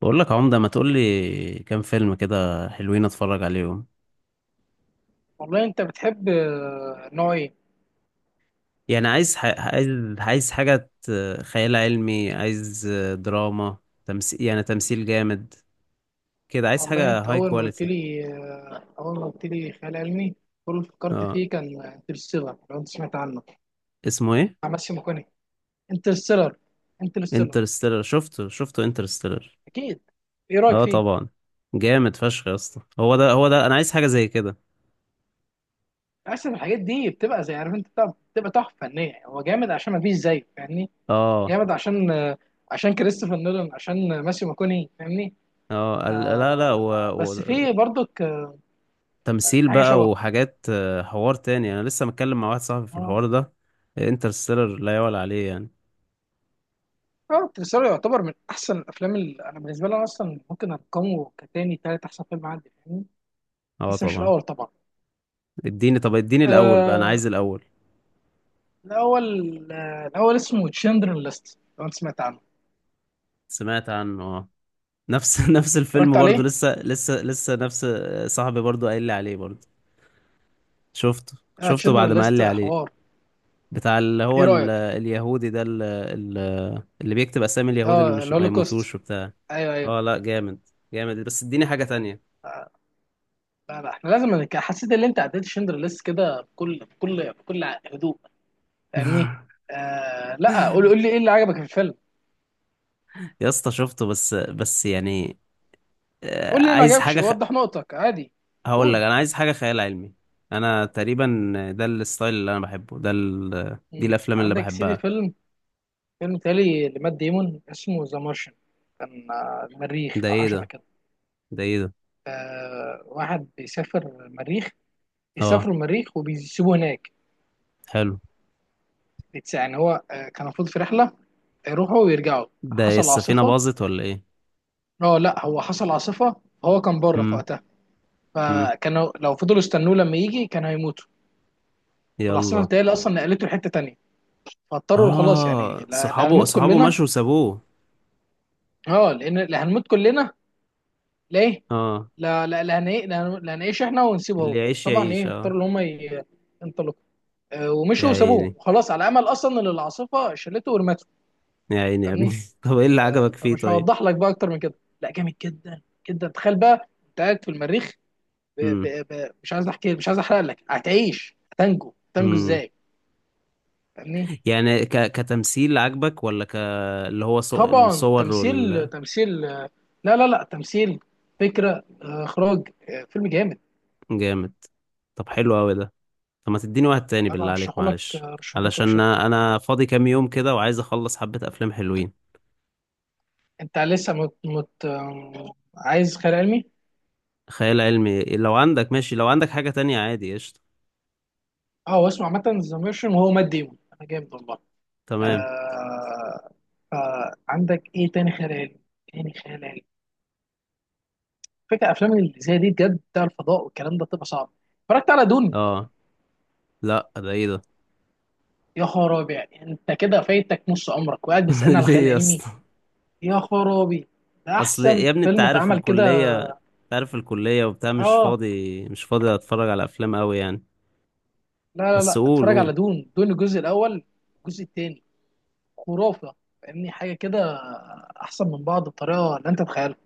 بقول لك عمدة ما تقول لي كام فيلم كده حلوين اتفرج عليهم. والله انت بتحب، نوع ايه؟ يعني عايز عايز حاجة خيال علمي، عايز دراما، تمثيل، يعني تمثيل جامد كده، عايز والله حاجة انت هاي اول ما قلت كواليتي. لي آه، اول ما قلت لي خيال علمي. كل اللي فكرت اه. فيه كان انترستيلر، لو انت سمعت عنه بتاع اسمه ايه؟ ماسيو ماكوني. انترستيلر. انترستيلر. انترستيلر شفته انترستيلر. اكيد. ايه رايك اه فيه؟ طبعا، جامد فشخ يا اسطى، هو ده انا عايز حاجة زي كده. اصلا الحاجات دي بتبقى زي عارف انت بتبقى تحفه فنيه، هو جامد عشان ما فيش زيه، فاهمني. اه. جامد عشان كريستوفر نولان، عشان ماسيو ماكوني، فاهمني. اه لا لا، بس في برضك، في تمثيل حاجه بقى شبهه. وحاجات، حوار تاني، انا لسه متكلم مع واحد صاحبي في آه. الحوار ده. انترستيلر لا يعلى عليه يعني. اه، انترستيلر يعتبر من احسن الافلام اللي انا بالنسبه لي أنا اصلا ممكن ارقمه كتاني تالت احسن فيلم عندي، فاهمني. اه بس مش طبعا. الاول طبعا. اديني، طب اديني الاول بقى، انا آه. عايز الاول. الاول. الاول اسمه تشندر ليست، لو انت سمعت عنه. سمعت عنه اه. نفس نفس اتفرجت الفيلم برضو، عليه. لسه نفس، صاحبي برضو قايل لي عليه برضو. شفته اه شفته تشندر بعد ما قال ليست، لي عليه. حوار. بتاع اللي هو ايه رايك؟ اليهودي ده، اللي بيكتب اسامي اليهود اللي اه مش ما الهولوكوست. يموتوش وبتاع. ايوه ايوه. اه لا جامد. جامد بس اديني حاجة تانية. لا لا، احنا لازم حسيت ان انت عديت تشندر ليست كده بكل بكل بكل هدوء، فاهمني. لا، قول لي ايه اللي عجبك في الفيلم؟ يا اسطى شفته بس يعني، قول لي اللي ما عايز عجبكش، وضح نقطك عادي. هقول لك قول. أنا عايز حاجة خيال علمي. أنا تقريبا ده الستايل اللي أنا بحبه، دي مم. الأفلام اللي عندك سيدي بحبها. فيلم، فيلم تالي لمات ديمون اسمه ذا مارشن. كان، المريخ ده او حاجه إيه شبه ده؟ كده. ده إيه ده؟ آه واحد بيسافر المريخ، أه، بيسافروا المريخ وبيسيبوه هناك. حلو. يعني هو كان المفروض في رحله يروحوا ويرجعوا. ده إيه؟ حصل السفينة عاصفه. باظت ولا إيه؟ اه لا، هو حصل عاصفه، هو كان بره في مم. وقتها، مم. فكانوا لو فضلوا استنوه لما يجي كانوا هيموتوا. والعاصفه يلا. بتاعي اصلا نقلته لحته تانيه، فاضطروا خلاص يعني، آه، لا لا صحابه هنموت صحابه كلنا. مشوا وسابوه. اه لان لا هنموت كلنا. ليه؟ أه. لا لا لا لا لا هنعيش احنا ونسيبه اللي هو. يعيش طبعا، يعيش ايه، أه. اختاروا اللي هم ينطلقوا. يا ومشوا وسابوه عيني، وخلاص، على امل اصلا ان العاصفه شلته ورمته. يا عيني يا ابني. فاهمني. طب إيه اللي عجبك فيه فمش طيب؟ هوضح لك بقى اكتر من كده. لا جامد جدا جدا. تخيل بقى انت قاعد في المريخ، مم. مش عايز احكي، مش عايز احرق لك. هتعيش؟ هتنجو مم. ازاي؟ فاهمني. يعني كتمثيل عجبك ولا اللي هو طبعا الصور وال... تمثيل، لا لا لا تمثيل، فكره، اخراج، فيلم جامد. جامد. طب حلو قوي ده. طب ما تديني واحد تاني انا بالله عليك، ارشحه لك معلش، آه، ارشحه لك علشان بشده. انا فاضي كام يوم كده وعايز اخلص حبة افلام حلوين. انت لسه مت... مت... آم، عايز خيال علمي. خيال علمي، لو عندك ماشي، لو عندك حاجة تانية عادي قشطة. اه واسمه عامه ذا ميرشن، وهو مات ديمون، انا جامد والله. تمام. آه... فعندك ايه تاني خيال علمي؟ تاني خيال علمي. فكرة افلام اللي زي دي بجد، بتاع الفضاء والكلام ده بتبقى صعب. اتفرجت على دون؟ اه لا، ده ايه ده؟ يا خرابي، يعني انت كده فايتك نص عمرك وقاعد بتسالني على ليه خيال يا علمي؟ اسطى؟ يا خرابي. ده اصل احسن يا ابني انت فيلم عارف اتعمل كده. الكلية، انت عارف الكلية وبتاع، مش اه فاضي مش فاضي اتفرج على افلام قوي يعني. لا لا بس لا، قول اتفرج على قول دون الجزء الاول، الجزء الثاني، خرافه، فاهمني. حاجه كده احسن من بعض بطريقه لا انت تتخيلها.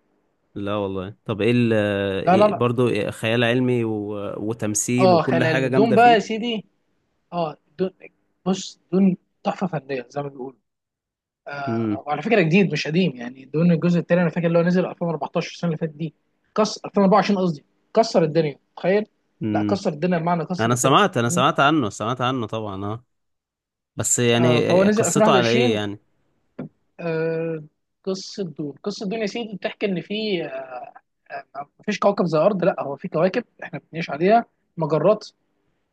لا والله، طب ايه, لا لا إيه لا. برضو؟ إيه، خيال علمي وتمثيل اه وكل خيال حاجة علمي، دون جامدة بقى يا فيه. سيدي. اه دون. بص، دون تحفه فنيه زي ما بيقولوا. وعلى فكره جديد مش قديم، يعني دون الجزء الثاني انا فاكر اللي هو نزل 2014، السنه اللي فاتت دي. كسر. 2024 قصدي. كسر الدنيا، تخيل. لا امم. كسر الدنيا بمعنى كسر انا الدنيا، سمعت انا فاهمني. سمعت عنه سمعت عنه طبعا اه. بس يعني، فهو نزل قصته على ايه 2021. يعني؟ آه قصه دون، قصه دون يا سيدي بتحكي ان في، مفيش كوكب زي الارض، لا هو في كواكب احنا بنعيش عليها، مجرات.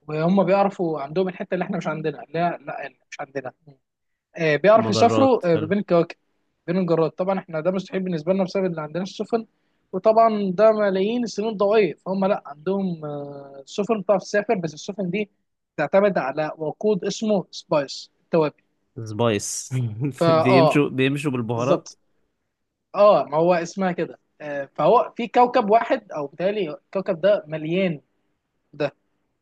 وهم بيعرفوا، عندهم الحته اللي احنا مش عندنا اللي هي لا اللي مش عندنا، بيعرفوا مجرات، يسافروا ما حلو. بين الكواكب، بين المجرات. طبعا احنا ده مستحيل بالنسبه لنا بسبب اللي عندنا السفن، وطبعا ده ملايين السنين الضوئيه. فهم لا عندهم، سفن بتعرف تسافر، بس السفن دي تعتمد على وقود اسمه سبايس، التوابل. سبايس. فا اه بيمشوا بيمشوا بالبهارات. بالظبط. اه ما هو اسمها كده، فهو في كوكب واحد او بالتالي الكوكب ده مليان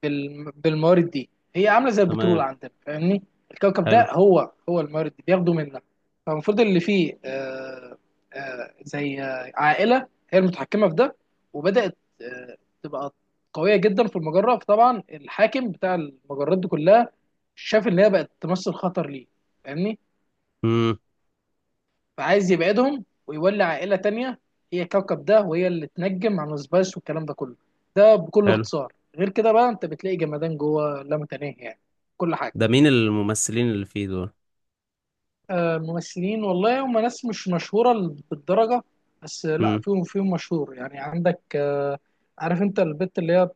بالموارد دي، هي عامله زي البترول تمام. عندنا، فاهمني. الكوكب حلو. ده هو، هو الموارد دي بياخدوا منها. فالمفروض اللي فيه، زي عائله هي المتحكمه في ده، وبدات تبقى قويه جدا في المجره. فطبعا الحاكم بتاع المجرات دي كلها شاف ان هي بقت تمثل خطر ليه، فاهمني. امم. فعايز يبعدهم ويولي عائلة تانية هي الكوكب ده، وهي اللي تنجم عن السبايس والكلام ده كله. ده بكل حلو. اختصار، غير كده بقى انت بتلاقي جمدان جوه لا متناهي يعني، كل حاجة. ده مين الممثلين اللي فيه دول؟ ممثلين والله هم ناس مش مشهورة بالدرجة، بس لا امم. فيهم مشهور يعني. عندك، عارف انت البت اللي هي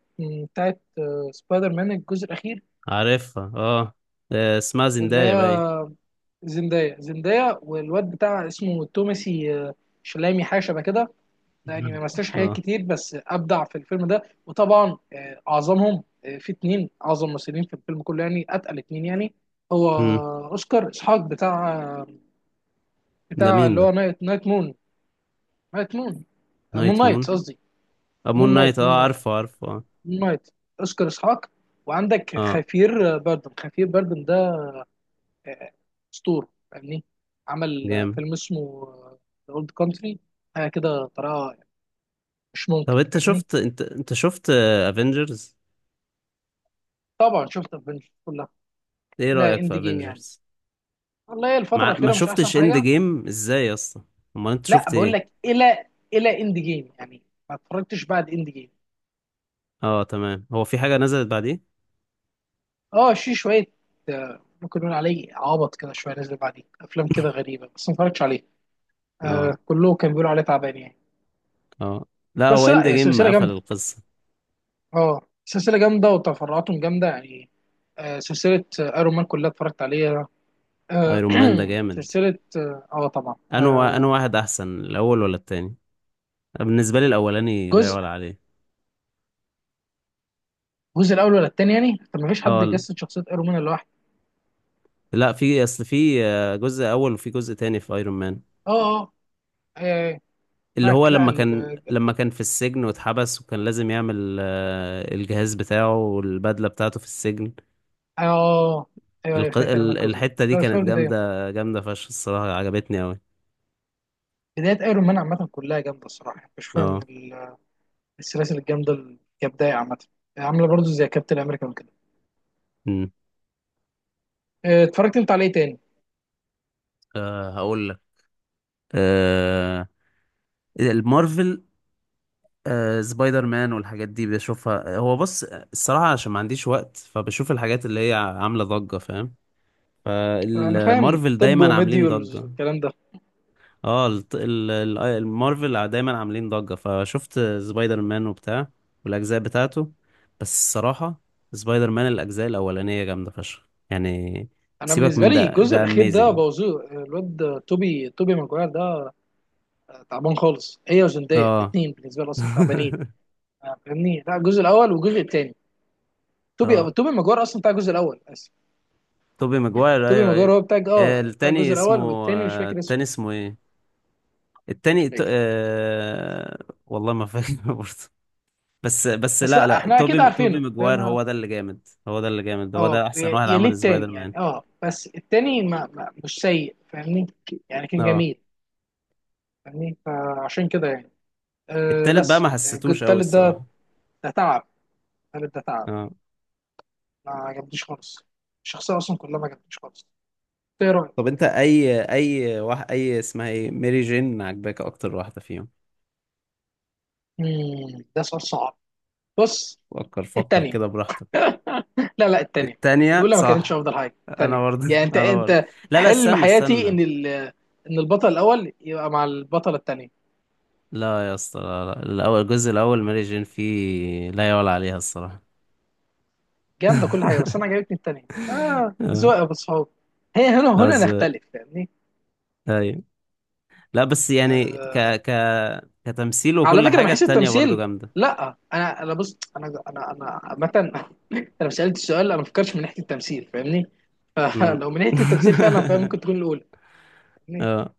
بتاعت سبايدر مان الجزء الأخير، عارفها اه. اسمها اللي زندايا باين. هي زندايا، والواد بتاع اسمه توماسي شلامي حاجة شبه كده. يعني ما مثلش حاجات اه. كتير بس ابدع في الفيلم ده. وطبعا اعظمهم، في اتنين اعظم ممثلين في الفيلم كله يعني، اتقل اتنين يعني. هو امم. اوسكار اسحاق، بتاع ده بتاع مين اللي ده؟ هو نايت مون، نايت مون، نايت مون نايت مون، قصدي. امون مون نايت. نايت، اه مون نايت. عارفه عارفه اه. مون نايت. اوسكار اسحاق. وعندك اه خفير، بردن، خفير بردن ده، آه، اسطوره يعني. عمل جامد. فيلم اسمه ذا اولد كونتري، حاجه كده طريقه مش طب ممكن، انت فاهمني. شفت، انت شفت افنجرز؟ طبعا شفت افنجرز كلها ايه الى رأيك اند في جيم يعني، افنجرز؟ والله الفترة ما ما الأخيرة مش أحسن شفتش اند حاجة. جيم ازاي يا اسطى؟ امال انت لا شفت بقول ايه؟ لك إلى، إلى إند جيم يعني، ما اتفرجتش بعد إند جيم. اه تمام، هو في حاجه نزلت بعديه؟ أه في شوية، ممكن نقول عليه عبط كده شوية، نزل بعديه أفلام كده غريبة بس ما اتفرجتش عليه. اه. كله كان بيقولوا عليه تعبان يعني. اه لا، هو بس لا اند هي جيم سلسلة قفل جامدة، القصه. أه سلسلة جامدة وتفرعاتهم جامدة يعني. سلسلة أيرون مان كلها اتفرجت عليها. آه ايرون مان ده جامد. سلسلة أه آه، طبعا انا واحد احسن، الاول ولا التاني؟ بالنسبه لي الاولاني لا جزء. يعلى عليه. الجزء الأول ولا التاني يعني، طب ما فيش حد اه يجسد شخصية أيرون مان لوحده. لا، في اصل في، جزء اول وفي جزء تاني في ايرون مان. أه. أه. آه، اللي هو معك لا لما كان ال لما كان في السجن واتحبس، وكان لازم يعمل، الجهاز بتاعه والبدله بتاعته في السجن. اه، ايوه ايوه، فاكر انا الجزء ده. الحته دي لا مش كانت فاكر ده ايه. جامده فشخ الصراحه، عجبتني قوي. بداية ايرون مان عامة كلها جامدة الصراحة يعني، مش فاهم من اه. السلاسل الجامدة كبداية عامة، عاملة برضو زي كابتن امريكا وكده. امم. اتفرجت انت عليه تاني؟ أه هقول لك. أه المارفل. أه، سبايدر مان والحاجات دي بشوفها، هو بص الصراحة عشان ما عنديش وقت، فبشوف الحاجات اللي هي عاملة ضجة، فاهم؟ انا فاهم. فالمارفل طب دايما عاملين وميديولز ضجة. والكلام ده. اه المارفل دايما عاملين ضجة، فشفت سبايدر مان وبتاع والأجزاء بتاعته. بس الصراحة سبايدر مان الأجزاء الأولانية جامدة فشخ يعني. انا سيبك بالنسبة من لي ده، الجزء ده الاخير ده اميزنج. بوظوه، الواد توبي ماجواير ده تعبان خالص، هي وزندية اه. الاتنين بالنسبة لي اصلا تعبانين. فاهمني. لا الجزء الاول والجزء التاني توبي اه توبي ماجواير اصلا بتاع الجزء الاول. اسف. توبي ماجواير، توبي ايوه ايوه. ماجواير هو بتاع، آه، اه بتاع التاني الجزء اسمه الاول والتاني، مش فاكر التاني اسمه. اسمه ايه؟ مش التاني فاكر. والله ما فاكر برضه. بس بس لا لا لا، احنا اكيد توبي عارفينه، ماجواير فاهم. هو ده اللي جامد، هو ده اللي جامد. هو ده اه احسن يا واحد يا ليه عمل سبايدر التاني يعني، مان. اه بس التاني ما مش سيء، فاهمني. يعني كان اه. جميل، فاهمني، فعشان كده يعني. التالت بقى بس ما الجزء حسيتوش قوي التالت ده، الصراحة. ده تعب. التالت ده تعب، اه. ما عجبنيش خالص. الشخصية أصلا كلها ما عجبتنيش خالص. إيه رأيك؟ طب انت اي اي واحد اي اسمها ايه، ميري جين، عجباك اكتر واحدة فيهم؟ مم، ده سؤال صعب. بص. فكر فكر التانية. كده براحتك. لا لا التانية. التانية الأولى ما كانتش صح. أفضل حاجة، انا التانية برضه. يعني أنت انا برضه أنت لا لا، حلم استنى حياتي استنى. إن البطل الأول يبقى مع البطلة التانية، لا يا اسطى لا لا، الأول، الجزء الأول ماري جين فيه لا يعلى عليها الصراحة. جامدة كل حاجة. بس أنا عجبتني التانية، اه. ذوق يا أبو الصحاب. هي هنا آه، هنا ز- نختلف، فاهمني. أيوة. لا بس يعني ك آه ك كتمثيل على وكل فكرة من حاجة حيث التانية برضو التمثيل، جامدة. لا أنا بص، أنا عامة أنا مش سألت السؤال، أنا ما فكرتش من ناحية التمثيل، فاهمني. أمم. فلو من ناحية التمثيل فعلا فهي ممكن تكون الأولى. اه.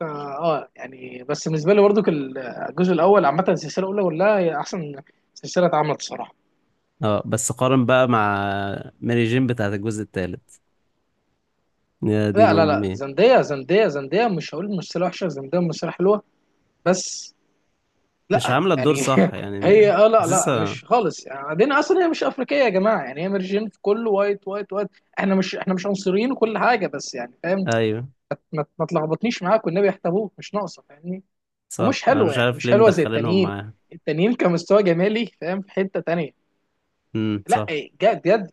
فا اه يعني بس بالنسبه لي برضو الجزء الاول، عامه السلسله الاولى كلها هي احسن سلسله اتعملت الصراحه. اه بس قارن بقى مع ماري جين بتاعت الجزء التالت، يا دين لا لا لا، أمي. زندية، زندية، زندية، مش هقول ممثلة وحشة، زندية ممثلة حلوة بس. مش لا عاملة الدور يعني صح يعني، هي لا لا حاسسها. مش خالص يعني، بعدين اصلا هي مش افريقية يا جماعة، يعني هي مرجين في كله وايت وايت وايت. احنا مش عنصريين وكل حاجة، بس يعني فاهم. أيوة ما تلخبطنيش معاك والنبي، يحتبوك مش ناقصة، فاهمني. ومش صح، أنا حلوة، مش يعني عارف مش ليه حلوة زي مدخلينهم التانيين، معاها. التانيين كمستوى جمالي فاهم، في حتة تانية. لا، صح. جد جد.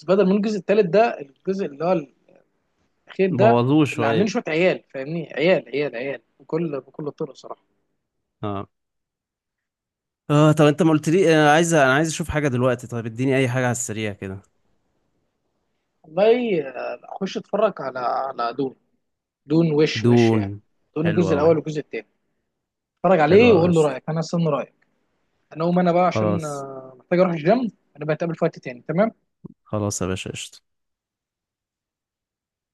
سبايدر مان الجزء الثالث ده، الجزء اللي هو الاخير ده، بوظوه اللي عاملين شوية. شويه عيال، فاهمني. عيال عيال عيال بكل بكل الطرق صراحه. اه. اه طب انت ما قلت لي، انا عايز اشوف حاجه دلوقتي، طيب اديني اي حاجه على السريع كده. والله، اخش اتفرج على دون. دون وش دون. يعني دون حلو الجزء قوي. الاول والجزء الثاني. اتفرج حلو عليه قوي يا وقول له اسطى. رايك، انا استنى رايك. انا اقوم انا بقى عشان خلاص. محتاج اروح الجيم. انا بتقابل في وقت تاني، تمام. خلاص يا باشا قشطة.